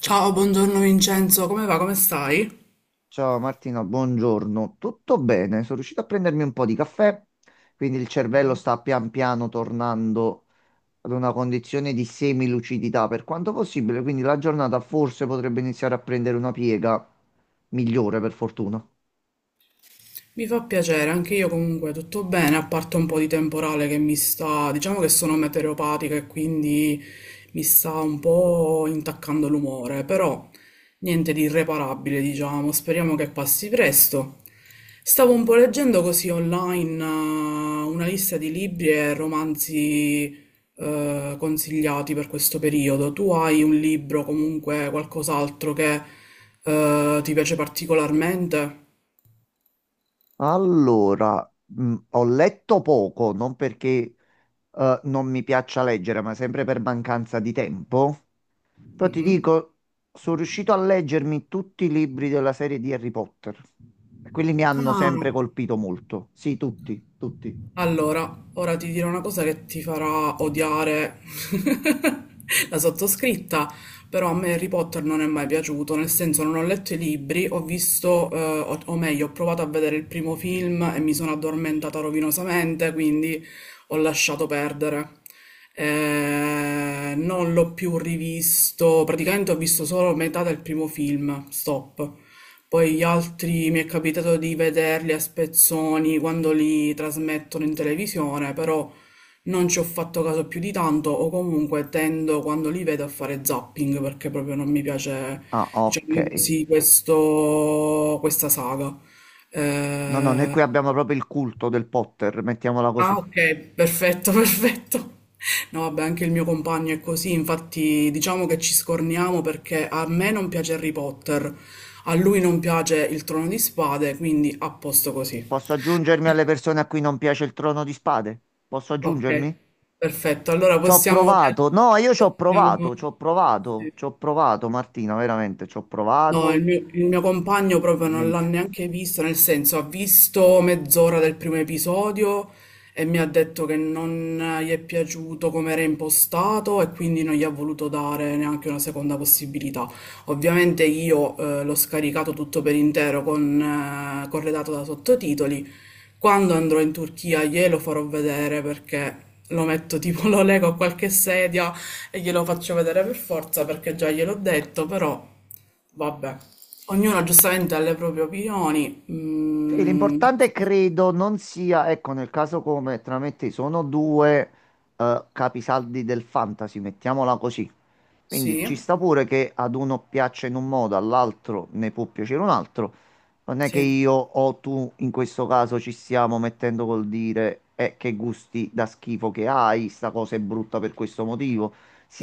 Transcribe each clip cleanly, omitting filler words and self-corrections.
Ciao, buongiorno Vincenzo, come va? Come stai? Ciao Martina, buongiorno. Tutto bene? Sono riuscito a prendermi un po' di caffè, quindi il cervello sta pian piano tornando ad una condizione di semilucidità per quanto possibile, quindi la giornata forse potrebbe iniziare a prendere una piega migliore per fortuna. Mi fa piacere, anche io comunque tutto bene, a parte un po' di temporale che mi sta, diciamo che sono meteoropatica e quindi mi sta un po' intaccando l'umore, però niente di irreparabile, diciamo, speriamo che passi presto. Stavo un po' leggendo così online una lista di libri e romanzi consigliati per questo periodo. Tu hai un libro, comunque qualcos'altro che ti piace particolarmente? Allora, ho letto poco, non perché non mi piaccia leggere, ma sempre per mancanza di tempo. Però ti Mhm. dico, sono riuscito a leggermi tutti i libri della serie di Harry Potter. E quelli mi hanno Ah, sempre colpito molto. Sì, tutti, tutti. allora, ora ti dirò una cosa che ti farà odiare la sottoscritta, però a me Harry Potter non è mai piaciuto, nel senso non ho letto i libri, ho visto, o meglio, ho provato a vedere il primo film e mi sono addormentata rovinosamente, quindi ho lasciato perdere. Non l'ho più rivisto, praticamente ho visto solo metà del primo film, stop. Poi gli altri mi è capitato di vederli a spezzoni quando li trasmettono in televisione, però non ci ho fatto caso più di tanto o comunque tendo quando li vedo a fare zapping perché proprio non mi piace, Ah, ok. diciamo così, questa saga. No, no, noi qui Eh, abbiamo proprio il culto del Potter, mettiamola Ah così. okay, perfetto, perfetto. No vabbè, anche il mio compagno è così, infatti diciamo che ci scorniamo perché a me non piace Harry Potter, a lui non piace il Trono di Spade, quindi a posto così. Posso aggiungermi alle persone a cui non piace il Trono di Spade? Posso Ok, aggiungermi? perfetto. Allora Ci ho possiamo... provato. No, io ci ho possiamo... provato, ci ho provato, sì. ci ho provato, Martina, veramente, ci ho No, il provato. mio, il mio compagno proprio non l'ha Niente. neanche visto, nel senso ha visto mezz'ora del primo episodio e mi ha detto che non gli è piaciuto come era impostato e quindi non gli ha voluto dare neanche una seconda possibilità. Ovviamente io l'ho scaricato tutto per intero corredato da sottotitoli quando andrò in Turchia glielo farò vedere perché lo metto tipo, lo lego a qualche sedia e glielo faccio vedere per forza perché già gliel'ho detto, però vabbè. Ognuno giustamente ha le proprie opinioni. Sì, Mm, l'importante credo non sia, ecco, nel caso come tra me e te sono due capisaldi del fantasy, mettiamola così. Quindi sì, ci sta pure che ad uno piaccia in un modo, all'altro ne può piacere un altro. Non è che sì. io o tu in questo caso ci stiamo mettendo col dire che gusti da schifo che hai, sta cosa è brutta per questo motivo.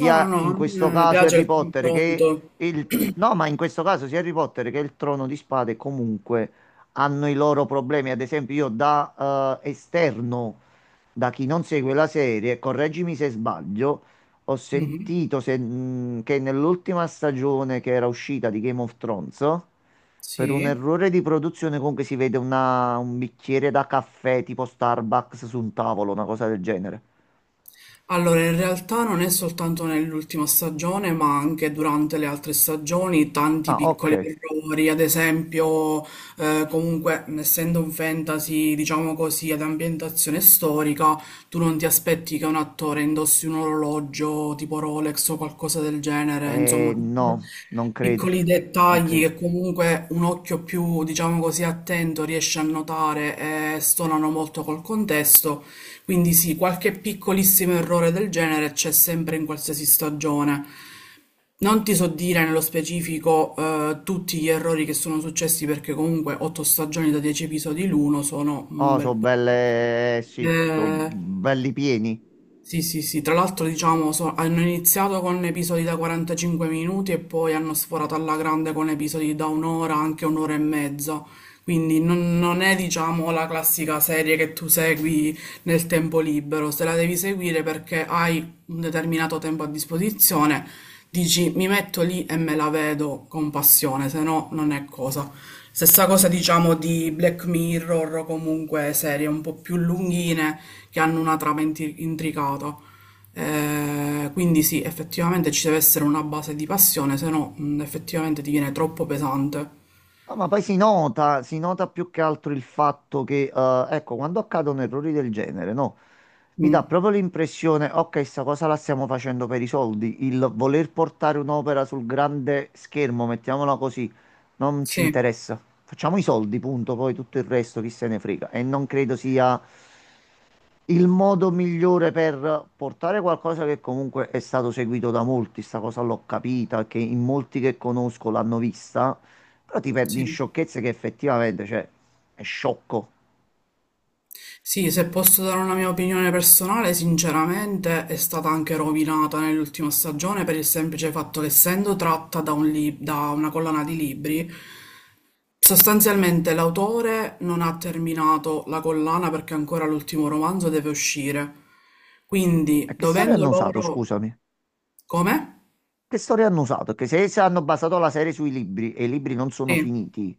No, no, no, in questo a me caso piace Harry il Potter che confronto. il... No, ma in questo caso sia Harry Potter che il Trono di Spade comunque hanno i loro problemi. Ad esempio, io da esterno, da chi non segue la serie, correggimi se sbaglio, ho Mhm. sentito che nell'ultima stagione che era uscita di Game of Thrones, per un Sì. errore di produzione comunque si vede un bicchiere da caffè tipo Starbucks su un tavolo, una cosa del genere. Allora, in realtà non è soltanto nell'ultima stagione, ma anche durante le altre stagioni, tanti Ah, ok. piccoli errori, ad esempio, comunque, essendo un fantasy, diciamo così, ad ambientazione storica, tu non ti aspetti che un attore indossi un orologio tipo Rolex o qualcosa del genere, insomma, No, non credo. piccoli Non dettagli credo. che comunque un occhio più, diciamo così, attento riesce a notare e stonano molto col contesto. Quindi sì, qualche piccolissimo errore del genere c'è sempre in qualsiasi stagione. Non ti so dire nello specifico tutti gli errori che sono successi perché comunque otto stagioni da 10 episodi l'uno sono un Oh, bel sono po'. belle, sì, sono Eh, belli pieni. sì, sì, sì, tra l'altro diciamo hanno iniziato con episodi da 45 minuti e poi hanno sforato alla grande con episodi da un'ora, anche un'ora e mezza, quindi non è diciamo la classica serie che tu segui nel tempo libero, se la devi seguire perché hai un determinato tempo a disposizione, dici mi metto lì e me la vedo con passione, se no non è cosa. Stessa cosa diciamo di Black Mirror o comunque serie un po' più lunghine che hanno una trama intricata. Quindi sì, effettivamente ci deve essere una base di passione, se no effettivamente diviene troppo pesante. Ah, ma poi si nota più che altro il fatto che, ecco, quando accadono errori del genere, no? Mi Mm, dà proprio l'impressione, ok, sta cosa la stiamo facendo per i soldi, il voler portare un'opera sul grande schermo, mettiamola così, non ci sì, interessa. Facciamo i soldi, punto, poi tutto il resto chi se ne frega. E non credo sia il modo migliore per portare qualcosa che comunque è stato seguito da molti, sta cosa l'ho capita, che in molti che conosco l'hanno vista, però ti perdi in sì. sciocchezze che effettivamente, cioè, è sciocco. Sì, se posso dare una mia opinione personale, sinceramente è stata anche rovinata nell'ultima stagione per il semplice fatto che essendo tratta da una collana di libri, sostanzialmente l'autore non ha terminato la collana perché ancora l'ultimo romanzo deve uscire. Quindi, E che storia dovendo hanno usato, loro... scusami? Come? Che storia hanno usato? Che se, se hanno basato la serie sui libri e i libri non sono Sì. finiti,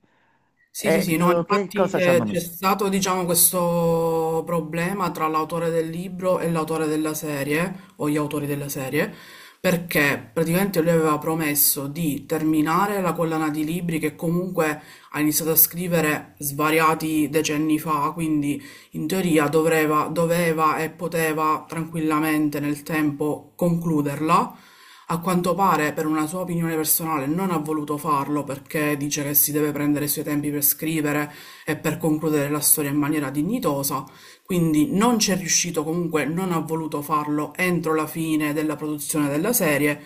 Sì, sì, sì, no, che infatti cosa ci hanno c'è messo? stato, diciamo, questo problema tra l'autore del libro e l'autore della serie, o gli autori della serie, perché praticamente lui aveva promesso di terminare la collana di libri che comunque ha iniziato a scrivere svariati decenni fa, quindi in teoria doveva e poteva tranquillamente nel tempo concluderla. A quanto pare, per una sua opinione personale, non ha voluto farlo perché dice che si deve prendere i suoi tempi per scrivere e per concludere la storia in maniera dignitosa, quindi non c'è riuscito, comunque non ha voluto farlo entro la fine della produzione della serie.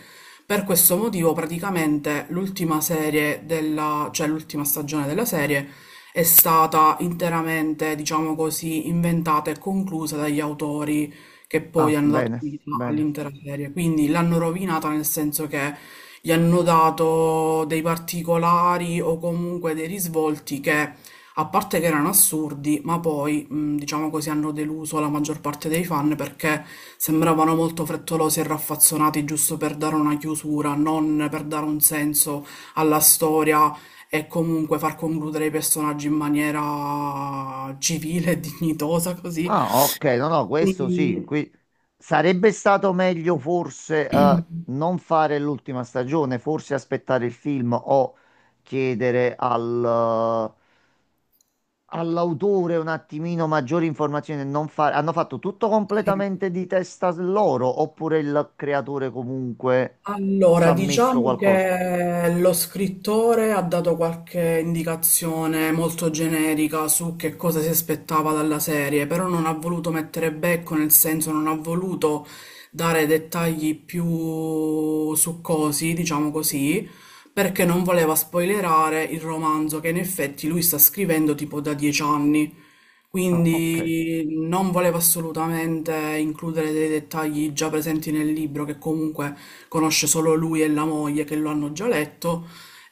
Per questo motivo, praticamente l'ultima serie della, cioè l'ultima stagione della serie, è stata interamente, diciamo così, inventata e conclusa dagli autori che Ah, poi hanno dato bene, vita bene. all'intera serie. Quindi l'hanno rovinata nel senso che gli hanno dato dei particolari o comunque dei risvolti che, a parte che erano assurdi, ma poi, diciamo così, hanno deluso la maggior parte dei fan perché sembravano molto frettolosi e raffazzonati giusto per dare una chiusura, non per dare un senso alla storia e comunque far concludere i personaggi in maniera civile e dignitosa, così. Ah, ok, no, no, questo sì. Quindi, Sarebbe stato meglio forse non fare l'ultima stagione, forse aspettare il film o chiedere all'autore un attimino maggiori informazioni. E Non fare... Hanno fatto tutto sì. completamente di testa loro oppure il creatore comunque ci Allora, ha messo diciamo qualcosa? che lo scrittore ha dato qualche indicazione molto generica su che cosa si aspettava dalla serie, però non ha voluto mettere becco, nel senso non ha voluto dare dettagli più succosi, diciamo così, perché non voleva spoilerare il romanzo che in effetti lui sta scrivendo tipo da 10 anni. Ah, ok. Quindi non volevo assolutamente includere dei dettagli già presenti nel libro, che comunque conosce solo lui e la moglie che lo hanno già letto.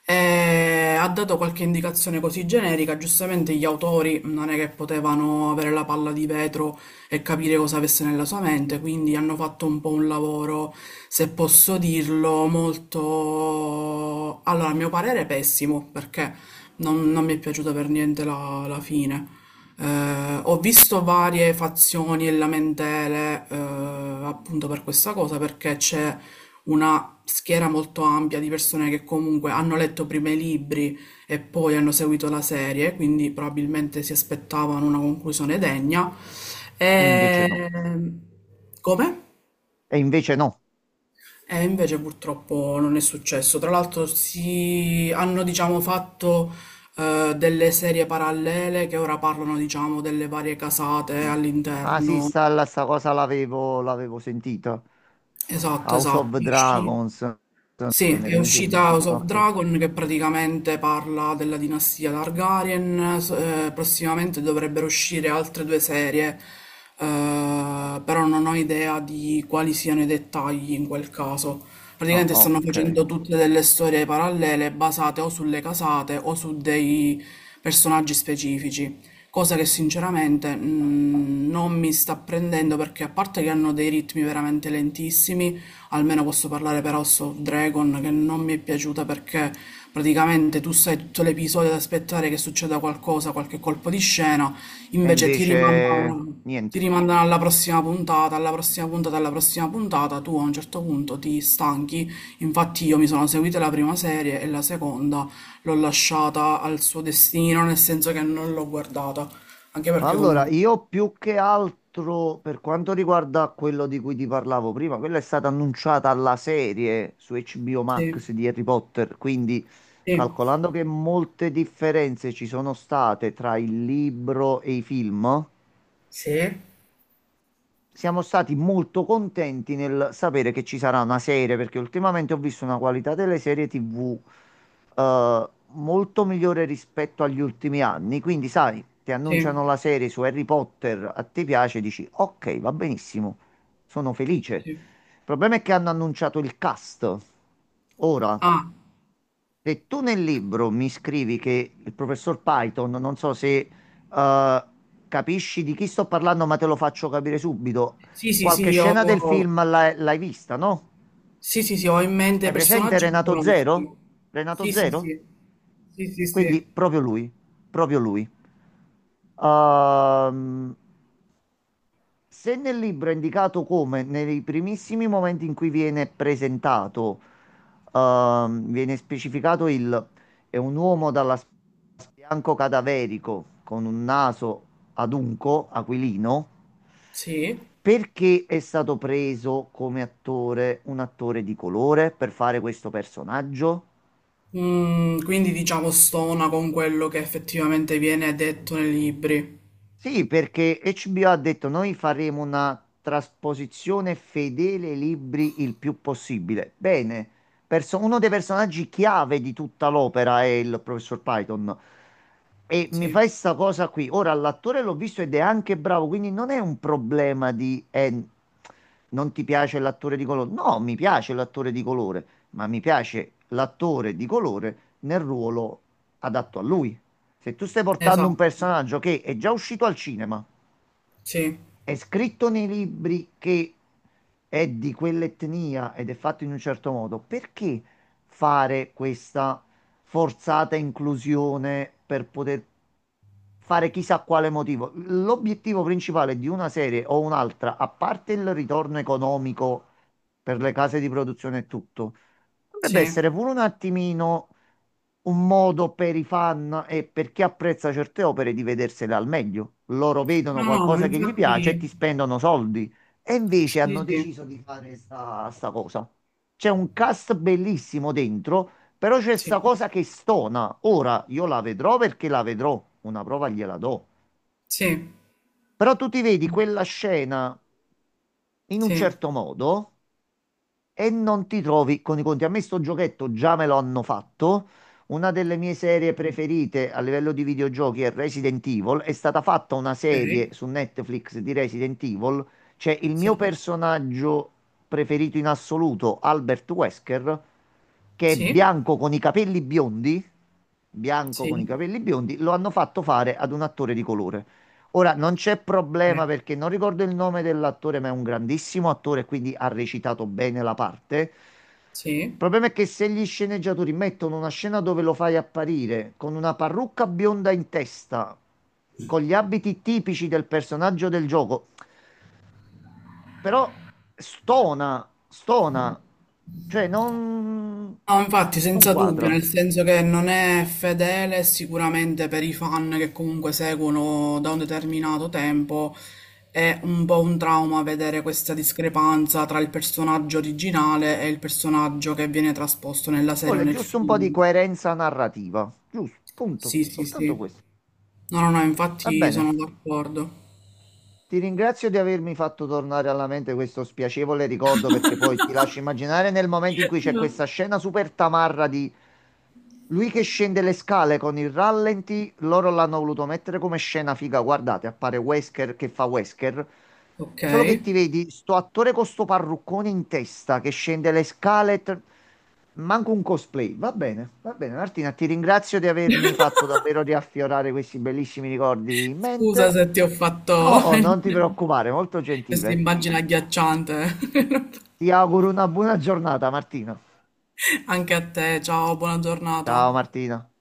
E ha dato qualche indicazione così generica, giustamente gli autori non è che potevano avere la palla di vetro e capire cosa avesse nella sua mente, quindi hanno fatto un po' un lavoro, se posso dirlo, molto, allora, a mio parere, pessimo, perché non, non mi è piaciuta per niente la fine. Ho visto varie fazioni e lamentele, appunto per questa cosa, perché c'è una schiera molto ampia di persone che comunque hanno letto prima i libri e poi hanno seguito la serie, quindi probabilmente si aspettavano una conclusione degna. E invece E... no. Come? E invece no. E invece purtroppo non è successo. Tra l'altro si hanno, diciamo, fatto delle serie parallele che ora parlano, diciamo, delle varie casate Ah sì, all'interno. Sta cosa l'avevo sentita. Esatto, House of esatto. Dragons. Sì, è Genere, mi uscita sembra. House of Ok. Dragon che praticamente parla della dinastia Targaryen. Prossimamente dovrebbero uscire altre due serie, però non ho idea di quali siano i dettagli in quel caso. Ah, Praticamente stanno ok. facendo tutte delle storie parallele basate o sulle casate o su dei personaggi specifici, cosa che sinceramente non mi sta prendendo perché, a parte che hanno dei ritmi veramente lentissimi, almeno posso parlare per House of Dragon che non mi è piaciuta perché praticamente tu stai tutto l'episodio ad aspettare che succeda qualcosa, qualche colpo di scena, E invece invece ti niente. rimandano alla prossima puntata, alla prossima puntata, alla prossima puntata, tu a un certo punto ti stanchi. Infatti io mi sono seguita la prima serie e la seconda l'ho lasciata al suo destino, nel senso che non l'ho guardata, anche perché Allora, comunque... io più che altro per quanto riguarda quello di cui ti parlavo prima, quella è stata annunciata alla serie su HBO Sì, Max di Harry Potter, quindi sì, calcolando che molte differenze ci sono state tra il libro e i film, sì? siamo stati molto contenti nel sapere che ci sarà una serie, perché ultimamente ho visto una qualità delle serie TV molto migliore rispetto agli ultimi anni. Quindi, sai, ti Sì, annunciano la serie su Harry Potter, a te piace, dici ok, va benissimo, sono felice. sì. Il problema è che hanno annunciato il cast ora Ah, e tu nel libro mi scrivi che il professor Python, non so se eh, capisci di chi sto parlando, ma te lo faccio capire subito. sì, sì, Qualche sì, ho... scena del film l'hai vista, no? Sì, sì, sì, ho in Hai mente presente personaggi che Renato conosco. Zero? Renato Sì, sì, Zero? sì. Sì, sì, Quindi sì. proprio lui, proprio lui. Ehm, se nel libro è indicato come nei primissimi momenti in cui viene presentato, viene specificato il è un uomo dall'aspetto bianco cadaverico con un naso adunco, aquilino, Sì. perché è stato preso come attore un attore di colore per fare questo personaggio? Quindi diciamo stona con quello che effettivamente viene detto nei libri. Sì, perché HBO ha detto noi faremo una trasposizione fedele ai libri il più possibile. Bene, uno dei personaggi chiave di tutta l'opera è il professor Python. E mi Sì, fai sta cosa qui. Ora, l'attore l'ho visto ed è anche bravo, quindi non è un problema di non ti piace l'attore di colore. No, mi piace l'attore di colore, ma mi piace l'attore di colore nel ruolo adatto a lui. Se tu stai portando un esatto, personaggio che è già uscito al cinema, sì, è scritto nei libri che è di quell'etnia ed è fatto in un certo modo, perché fare questa forzata inclusione per poter fare chissà quale motivo? L'obiettivo principale di una serie o un'altra, a parte il ritorno economico per le case di produzione e tutto, dovrebbe sì. essere pure un attimino un modo per i fan e per chi apprezza certe opere di vedersele al meglio. Loro vedono No, no, ma qualcosa che gli piace e ti infatti, spendono soldi. E sì, invece hanno sì, deciso di fare sta cosa. C'è un cast bellissimo dentro, però c'è sta sì, cosa che stona. Ora io la vedrò perché la vedrò, una prova gliela do. sì, sì, Però tu ti vedi quella scena in un sì, certo modo e non ti trovi con i conti. A me sto giochetto già me lo hanno fatto. Una delle mie serie preferite a livello di videogiochi è Resident Evil. È stata fatta una ok, serie su Netflix di Resident Evil. C'è il mio sì, personaggio preferito in assoluto, Albert Wesker, che è sì, bianco con i capelli biondi. Bianco con i sì, capelli biondi, lo hanno fatto fare ad un attore di colore. Ora non c'è beh, problema perché non ricordo il nome dell'attore, ma è un grandissimo attore, quindi ha recitato bene la parte. Il sì. problema è che se gli sceneggiatori mettono una scena dove lo fai apparire con una parrucca bionda in testa, con gli abiti tipici del personaggio del gioco, però stona, stona, cioè non, No, infatti, non senza dubbio, quadra. nel senso che non è fedele sicuramente per i fan che comunque seguono da un determinato tempo, è un po' un trauma vedere questa discrepanza tra il personaggio originale e il personaggio che viene trasposto nella Ci serie o vuole nel giusto un po' di film. coerenza narrativa, giusto, Sì, punto, sì, soltanto sì. questo. No, no, no, Va infatti bene. sono d'accordo. Ti ringrazio di avermi fatto tornare alla mente questo spiacevole ricordo perché poi ti lascio immaginare nel momento in cui c'è Mm. questa scena super tamarra di lui che scende le scale con il rallenti, loro l'hanno voluto mettere come scena figa, guardate, appare Wesker che fa Wesker, Ok. solo che ti vedi sto attore con sto parruccone in testa che scende le scale, manco un cosplay, va bene Martina, ti ringrazio di avermi fatto davvero riaffiorare questi bellissimi ricordi in Scusa mente. se ti ho fatto No, non ti preoccupare, molto questa gentile. immagine agghiacciante. Ti auguro una buona giornata, Martina. Anche a te, ciao, buona Ciao giornata. Martina.